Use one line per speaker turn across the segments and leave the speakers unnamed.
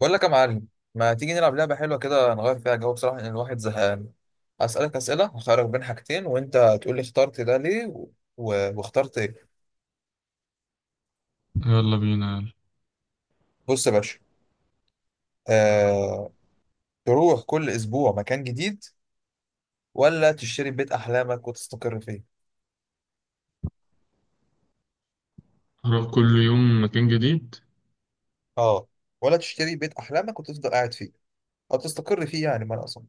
بقول لك يا معلم، ما تيجي نلعب لعبة حلوة كده نغير فيها جو؟ بصراحة لأن الواحد زهقان. أسألك أسئلة هخيرك بين حاجتين وأنت تقول لي اخترت ده ليه واخترت إيه.
يلا بينا يلا.
بص يا باشا، آه... تروح كل أسبوع مكان جديد ولا تشتري بيت أحلامك وتستقر فيه؟
هروح كل يوم مكان جديد.
أه، ولا تشتري بيت أحلامك وتفضل قاعد فيه أو تستقر فيه؟ يعني ما أنا أصلا.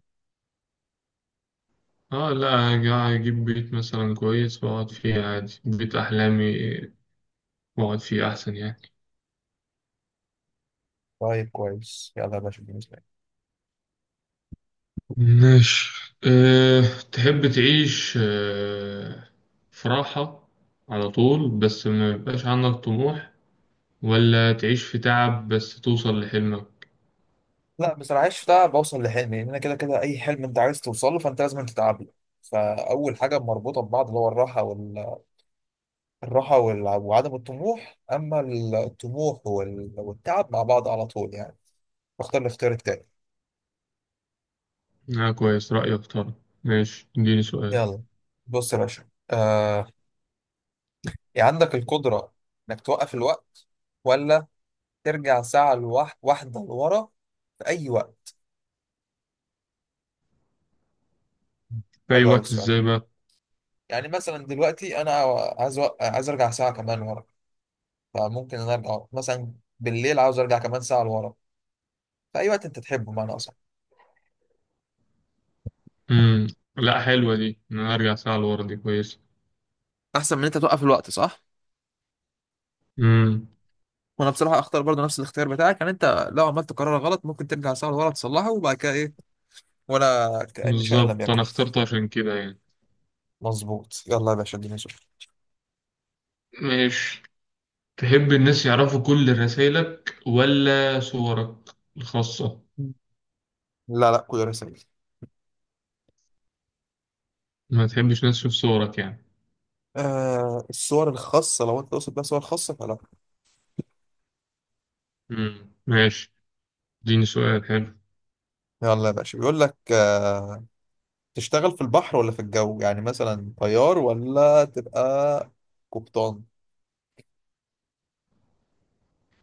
اه، لا، هجيب بيت مثلا كويس واقعد فيه عادي بيت احلامي، واقعد فيه احسن يعني.
طيب كويس يلا يا باشا، بالنسبة لي
ماشي، أه. تحب تعيش في راحة على طول بس ما يبقاش عندك طموح، ولا تعيش في تعب بس توصل لحلمك؟
لا بصراحة، عيش ده بوصل لحلمي، لأن أنا كده كده أي حلم أنت عايز توصله فأنت لازم تتعب له. فأول حاجة مربوطة ببعض اللي هو الراحة، الراحة وعدم الطموح، أما الطموح والتعب مع بعض على طول يعني. بختار الاختيار التاني.
اه، كويس، رأيك طبعا. ماشي، اديني سؤال.
يلا، بص يا باشا، يعني عندك القدرة إنك توقف الوقت، ولا ترجع ساعة واحدة لورا في أي وقت؟
في اي
حلو أوي
وقت،
السؤال ده.
ازاي بقى؟
يعني مثلا دلوقتي أنا عايز عايز أرجع ساعة كمان ورا، فممكن إن أنا أرجع مثلا بالليل، عاوز أرجع كمان ساعة لورا في أي وقت أنت تحبه بمعنى أصح.
مم. لا، حلوة دي، إن انا ارجع ساعة لورا دي.
أحسن من إن أنت توقف الوقت، صح؟
كويس.
وانا بصراحه اختار برضو نفس الاختيار بتاعك. يعني انت لو عملت قرار غلط ممكن ترجع ساعه لورا تصلحه، وبعد كده ايه؟ ولا كأن شيئا لم
بالظبط،
يكن.
أنا اخترت عشان كده يعني.
مظبوط. يلا يا باشا اديني سؤال.
ماشي. تحب الناس يعرفوا كل رسائلك ولا صورك الخاصة؟
لا لا كل رسائل.
ما تحبش ناس تشوف صورك يعني؟
آه الصور الخاصة، لو انت تقصد بقى صور خاصة فلا.
مم. ماشي، اديني سؤال حلو.
يلا يا باشا، بيقول لك تشتغل في البحر ولا في الجو؟ يعني مثلا طيار ولا تبقى قبطان.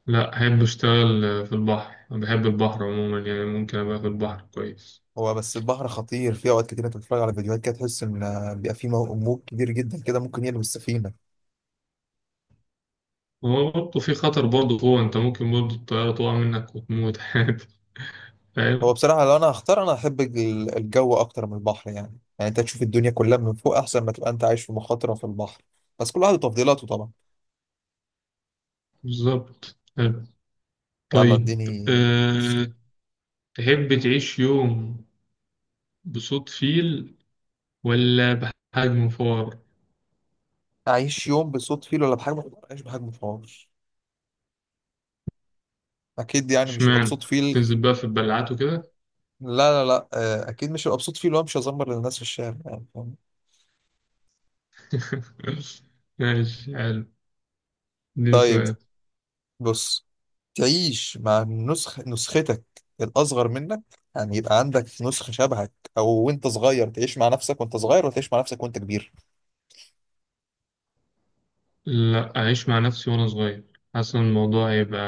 لا، أحب أشتغل في البحر، أنا بحب البحر عموما يعني، ممكن أبقى في البحر كويس.
هو بس البحر خطير في اوقات كتير، انت بتتفرج على فيديوهات كده تحس ان بيبقى في موج كبير جدا كده ممكن يقلب السفينة.
هو برضه في خطر برضه، هو أنت ممكن برضه الطيارة تقع منك وتموت عادي.
هو
فاهم.
بصراحة لو أنا هختار، أنا أحب الجو أكتر من البحر يعني. يعني أنت تشوف الدنيا كلها من فوق أحسن ما تبقى أنت عايش في مخاطرة في البحر. بس كل واحد وتفضيلاته طبعا.
بالظبط، حلو،
يلا
طيب.
اديني.
أه... تحب تعيش يوم بصوت فيل ولا بحجم فار؟
أعيش يوم بصوت فيل ولا بحجم حمار؟ أعيش بحجم حمار أكيد، يعني مش هبقى بصوت
اشمعنى؟
فيل.
تنزل بقى في البلعات وكده؟
لا، لا، لا، أكيد مش هبقى بصوت فيل وأنا مش هزمر للناس في الشارع يعني، فاهم؟
ماشي، حلو، دي
طيب،
سؤال.
بص، تعيش مع نسخ نسختك الأصغر منك؟ يعني يبقى عندك نسخة شبهك أو وأنت صغير تعيش مع نفسك وأنت صغير، وتعيش مع نفسك وأنت كبير.
لا، أعيش مع نفسي وأنا صغير، حاسس إن الموضوع هيبقى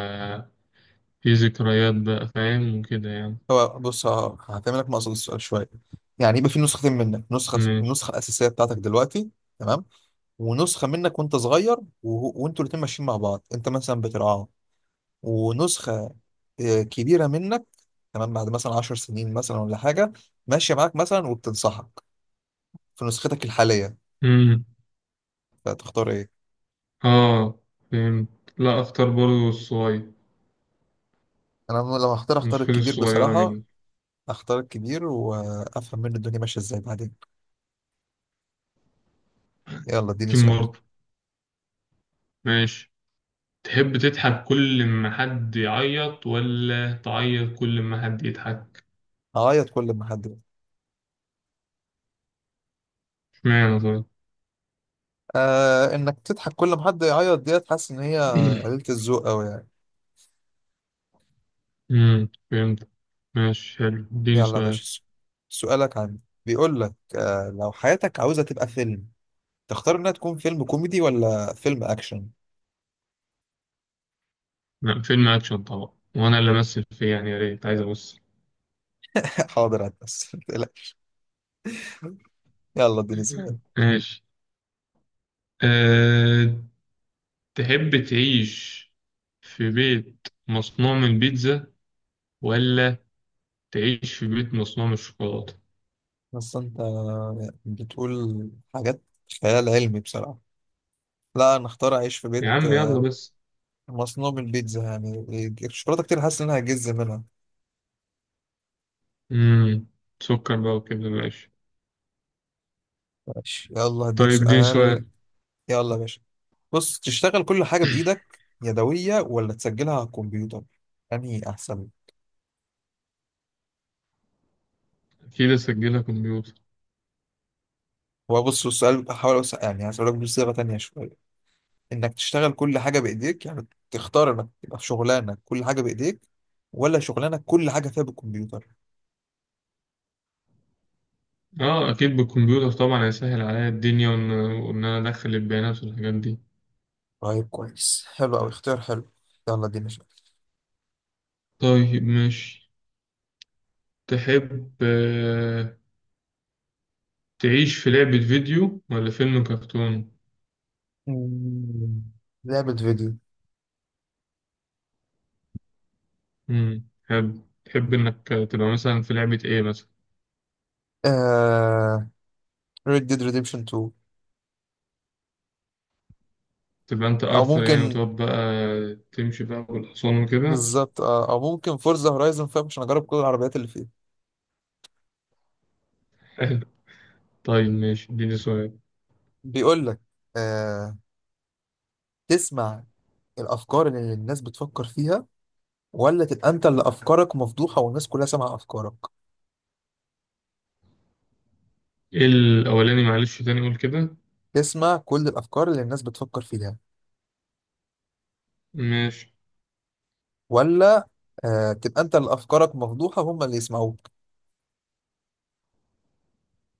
فيه ذكريات بقى، فاهم وكده يعني.
هو بص، هعتمدك مقصد السؤال شويه. يعني يبقى في نسختين منك، نسخه
ماشي.
الاساسيه بتاعتك دلوقتي. تمام. ونسخه منك وانت صغير، وانتوا الاتنين ماشيين مع بعض، انت مثلا بترعاه. ونسخه آه، كبيره منك، تمام، بعد مثلا 10 سنين مثلا ولا حاجه، ماشيه معاك مثلا وبتنصحك في نسختك الحاليه.
مم.
فتختار ايه؟
آه فهمت. لا، أختار برضه الصغير،
انا لو هختار اختار
نسختي
الكبير
الصغيرة
بصراحه،
مني.
اختار الكبير وافهم منه الدنيا ماشيه ازاي بعدين. يلا اديني
يمكن
سؤال.
برضه. ماشي. تحب تضحك كل ما حد يعيط، ولا تعيط كل ما حد يضحك؟
هعيط كل ما حد.
اشمعنى طيب؟
آه انك تضحك كل ما حد يعيط، ديت حاسس ان هي قليلة الذوق قوي يعني.
فهمت. ماشي، حلو، اديني
يلا يا
سؤال.
باشا، سؤالك عندي. بيقول لك آه، لو حياتك عاوزة تبقى فيلم تختار انها تكون فيلم كوميدي ولا فيلم اكشن؟
لا، فيلم اكشن طبعا، وانا اللي امثل فيه يعني، يا ريت، عايز ابص.
حاضر هتبس. يلا اديني سؤال.
ماشي. أه... تحب تعيش في بيت مصنوع من البيتزا، ولا تعيش في بيت مصنوع من الشوكولاتة؟
بس انت بتقول حاجات خيال علمي بصراحة. لا انا اختار اعيش في
يا
بيت
عم يلا بس.
مصنوع من البيتزا يعني. الشوكولاتة كتير، حاسس انها هجز منها.
امم سكر بقى وكده، ماشي.
ماشي يلا هديك
طيب، اديني سؤال.
سؤال. يلا يا باشا، بص، تشتغل كل حاجة بإيدك يدوية ولا تسجلها على الكمبيوتر؟ أنهي أحسن؟
اكيد اسجلها كمبيوتر.
هو بص السؤال هحاول أوسع، يعني هسألك بصيغة تانية شوية، إنك تشتغل كل حاجة بإيديك يعني تختار إنك تبقى في شغلانك كل حاجة بإيديك، ولا شغلانك كل حاجة فيها بالكمبيوتر.
اه، اكيد بالكمبيوتر طبعا، هيسهل عليا الدنيا، وإن انا ادخل البيانات والحاجات دي.
طيب كويس، حلو أوي اختيار حلو. يلا اديني شوية.
طيب، ماشي. تحب تعيش في لعبة فيديو ولا فيلم كرتون؟
مم، لعبة فيديو.
مم. حلو. تحب إنك تبقى مثلا في لعبة إيه مثلا؟
آه... Red Dead Redemption 2.
تبقى أنت
أو
آرثر يعني
ممكن.
وتقعد بقى؟ تمشي بقى بالحصان وكده؟
بالظبط، أو ممكن فورزا هورايزون 5 عشان أجرب كل العربيات اللي فيه.
حلو. طيب، ماشي، اديني سؤال.
بيقول لك، تسمع الافكار اللي الناس بتفكر فيها ولا تبقى انت اللي افكارك مفضوحه والناس كلها سامعه افكارك؟
إيه الأولاني، معلش تاني قول كده؟
تسمع كل الافكار اللي الناس بتفكر فيها،
ماشي.
ولا آه تبقى انت اللي افكارك مفضوحه هم اللي يسمعوك.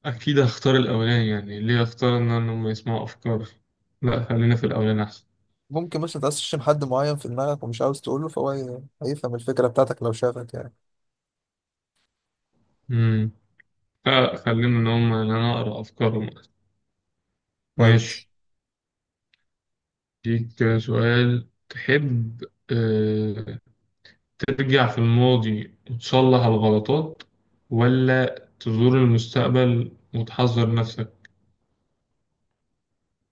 أكيد هختار الأولاني، يعني ليه هختار إن هم يسمعوا أفكاري؟ لأ، خلينا في الأولاني أحسن.
ممكن مثلا تقسم حد معين في دماغك ومش عاوز تقوله، فهو هيفهم الفكره بتاعتك لو شافك يعني.
مم. لا، خلينا إن هم، إن أنا أقرأ أفكارهم.
كويس.
ماشي. ليك سؤال، تحب آه، ترجع في الماضي وتصلح الغلطات، ولا تزور المستقبل وتحذر نفسك؟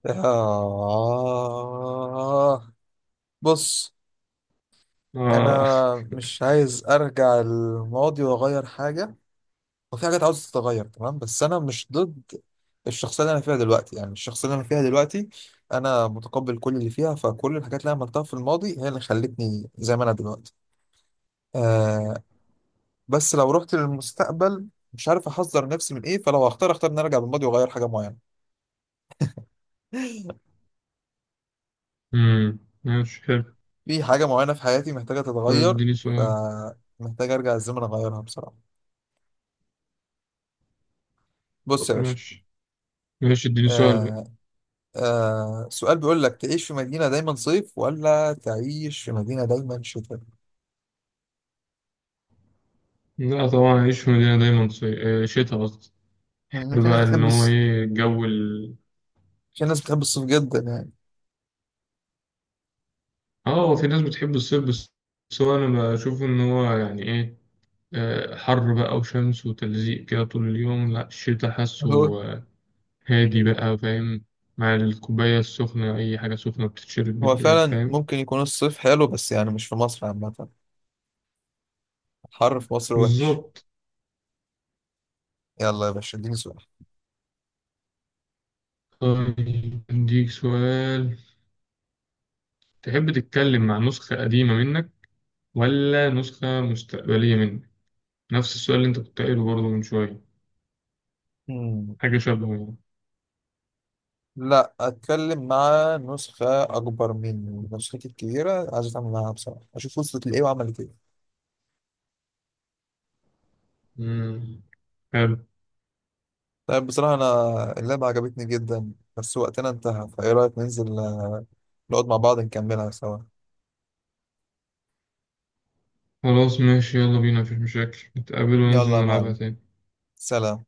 آه بص،
آه.
انا مش عايز ارجع الماضي واغير حاجه. وفي حاجات عاوزة تتغير تمام، بس أنا مش ضد الشخصية اللي أنا فيها دلوقتي. يعني الشخصية اللي أنا فيها دلوقتي أنا متقبل كل اللي فيها، فكل الحاجات اللي أنا عملتها في الماضي هي اللي خلتني زي ما أنا دلوقتي. آه، بس لو رحت للمستقبل مش عارف أحذر نفسي من إيه. فلو هختار، أختار إن أنا أرجع بالماضي وأغير حاجة معينة.
مم. ماشي، حلو.
في حاجة معينة في حياتي محتاجة
طيب،
تتغير،
اديني سؤال.
فمحتاج أرجع الزمن أغيرها بصراحة. بص
بس
يا باشا،
ماشي. ماشي، اديني سؤال بقى.
آه آه سؤال بيقول لك، تعيش في مدينة دايما صيف ولا تعيش في مدينة دايما شتاء؟
لا طبعا، أعيش في مدينة دايما صي... آه، شتا قصدي.
يعني
بحب
في ناس
بقى إن
بتحب
هو إيه جو ال...
في ناس بتحب الصيف جدا يعني.
آه هو في ناس بتحب الصيف بس. بس هو أنا بشوف إن هو يعني إيه، حر بقى وشمس وتلزيق كده طول اليوم. لا، الشتا حاسه
هو
آه، هادي بقى فاهم، مع الكوباية السخنة، أي حاجة سخنة بتتشرب
هو
بالليل،
فعلا
فاهم.
ممكن يكون الصيف حلو، بس يعني مش في مصر عامة، الحر في مصر وحش.
بالظبط.
يلا يا باشا اديني سؤال.
طيب، أديك سؤال. تحب تتكلم مع نسخة قديمة منك ولا نسخة مستقبلية منك؟ نفس السؤال اللي أنت كنت قايله برضه من شوية،
مم.
حاجة شبهه يعني.
لا اتكلم مع نسخة اكبر مني، نسختي الكبيرة عايز اتعامل معاها بصراحة، اشوف وصلت لايه وعملت ايه.
مم. حلو.
طيب بصراحة انا اللعبة عجبتني جدا بس وقتنا انتهى، فايه رأيك ننزل نقعد مع بعض نكملها سوا؟
خلاص، ماشي، يلا بينا، مفيش مشاكل، نتقابل وننزل
يلا يا
نلعبها
معلم،
تاني.
سلام.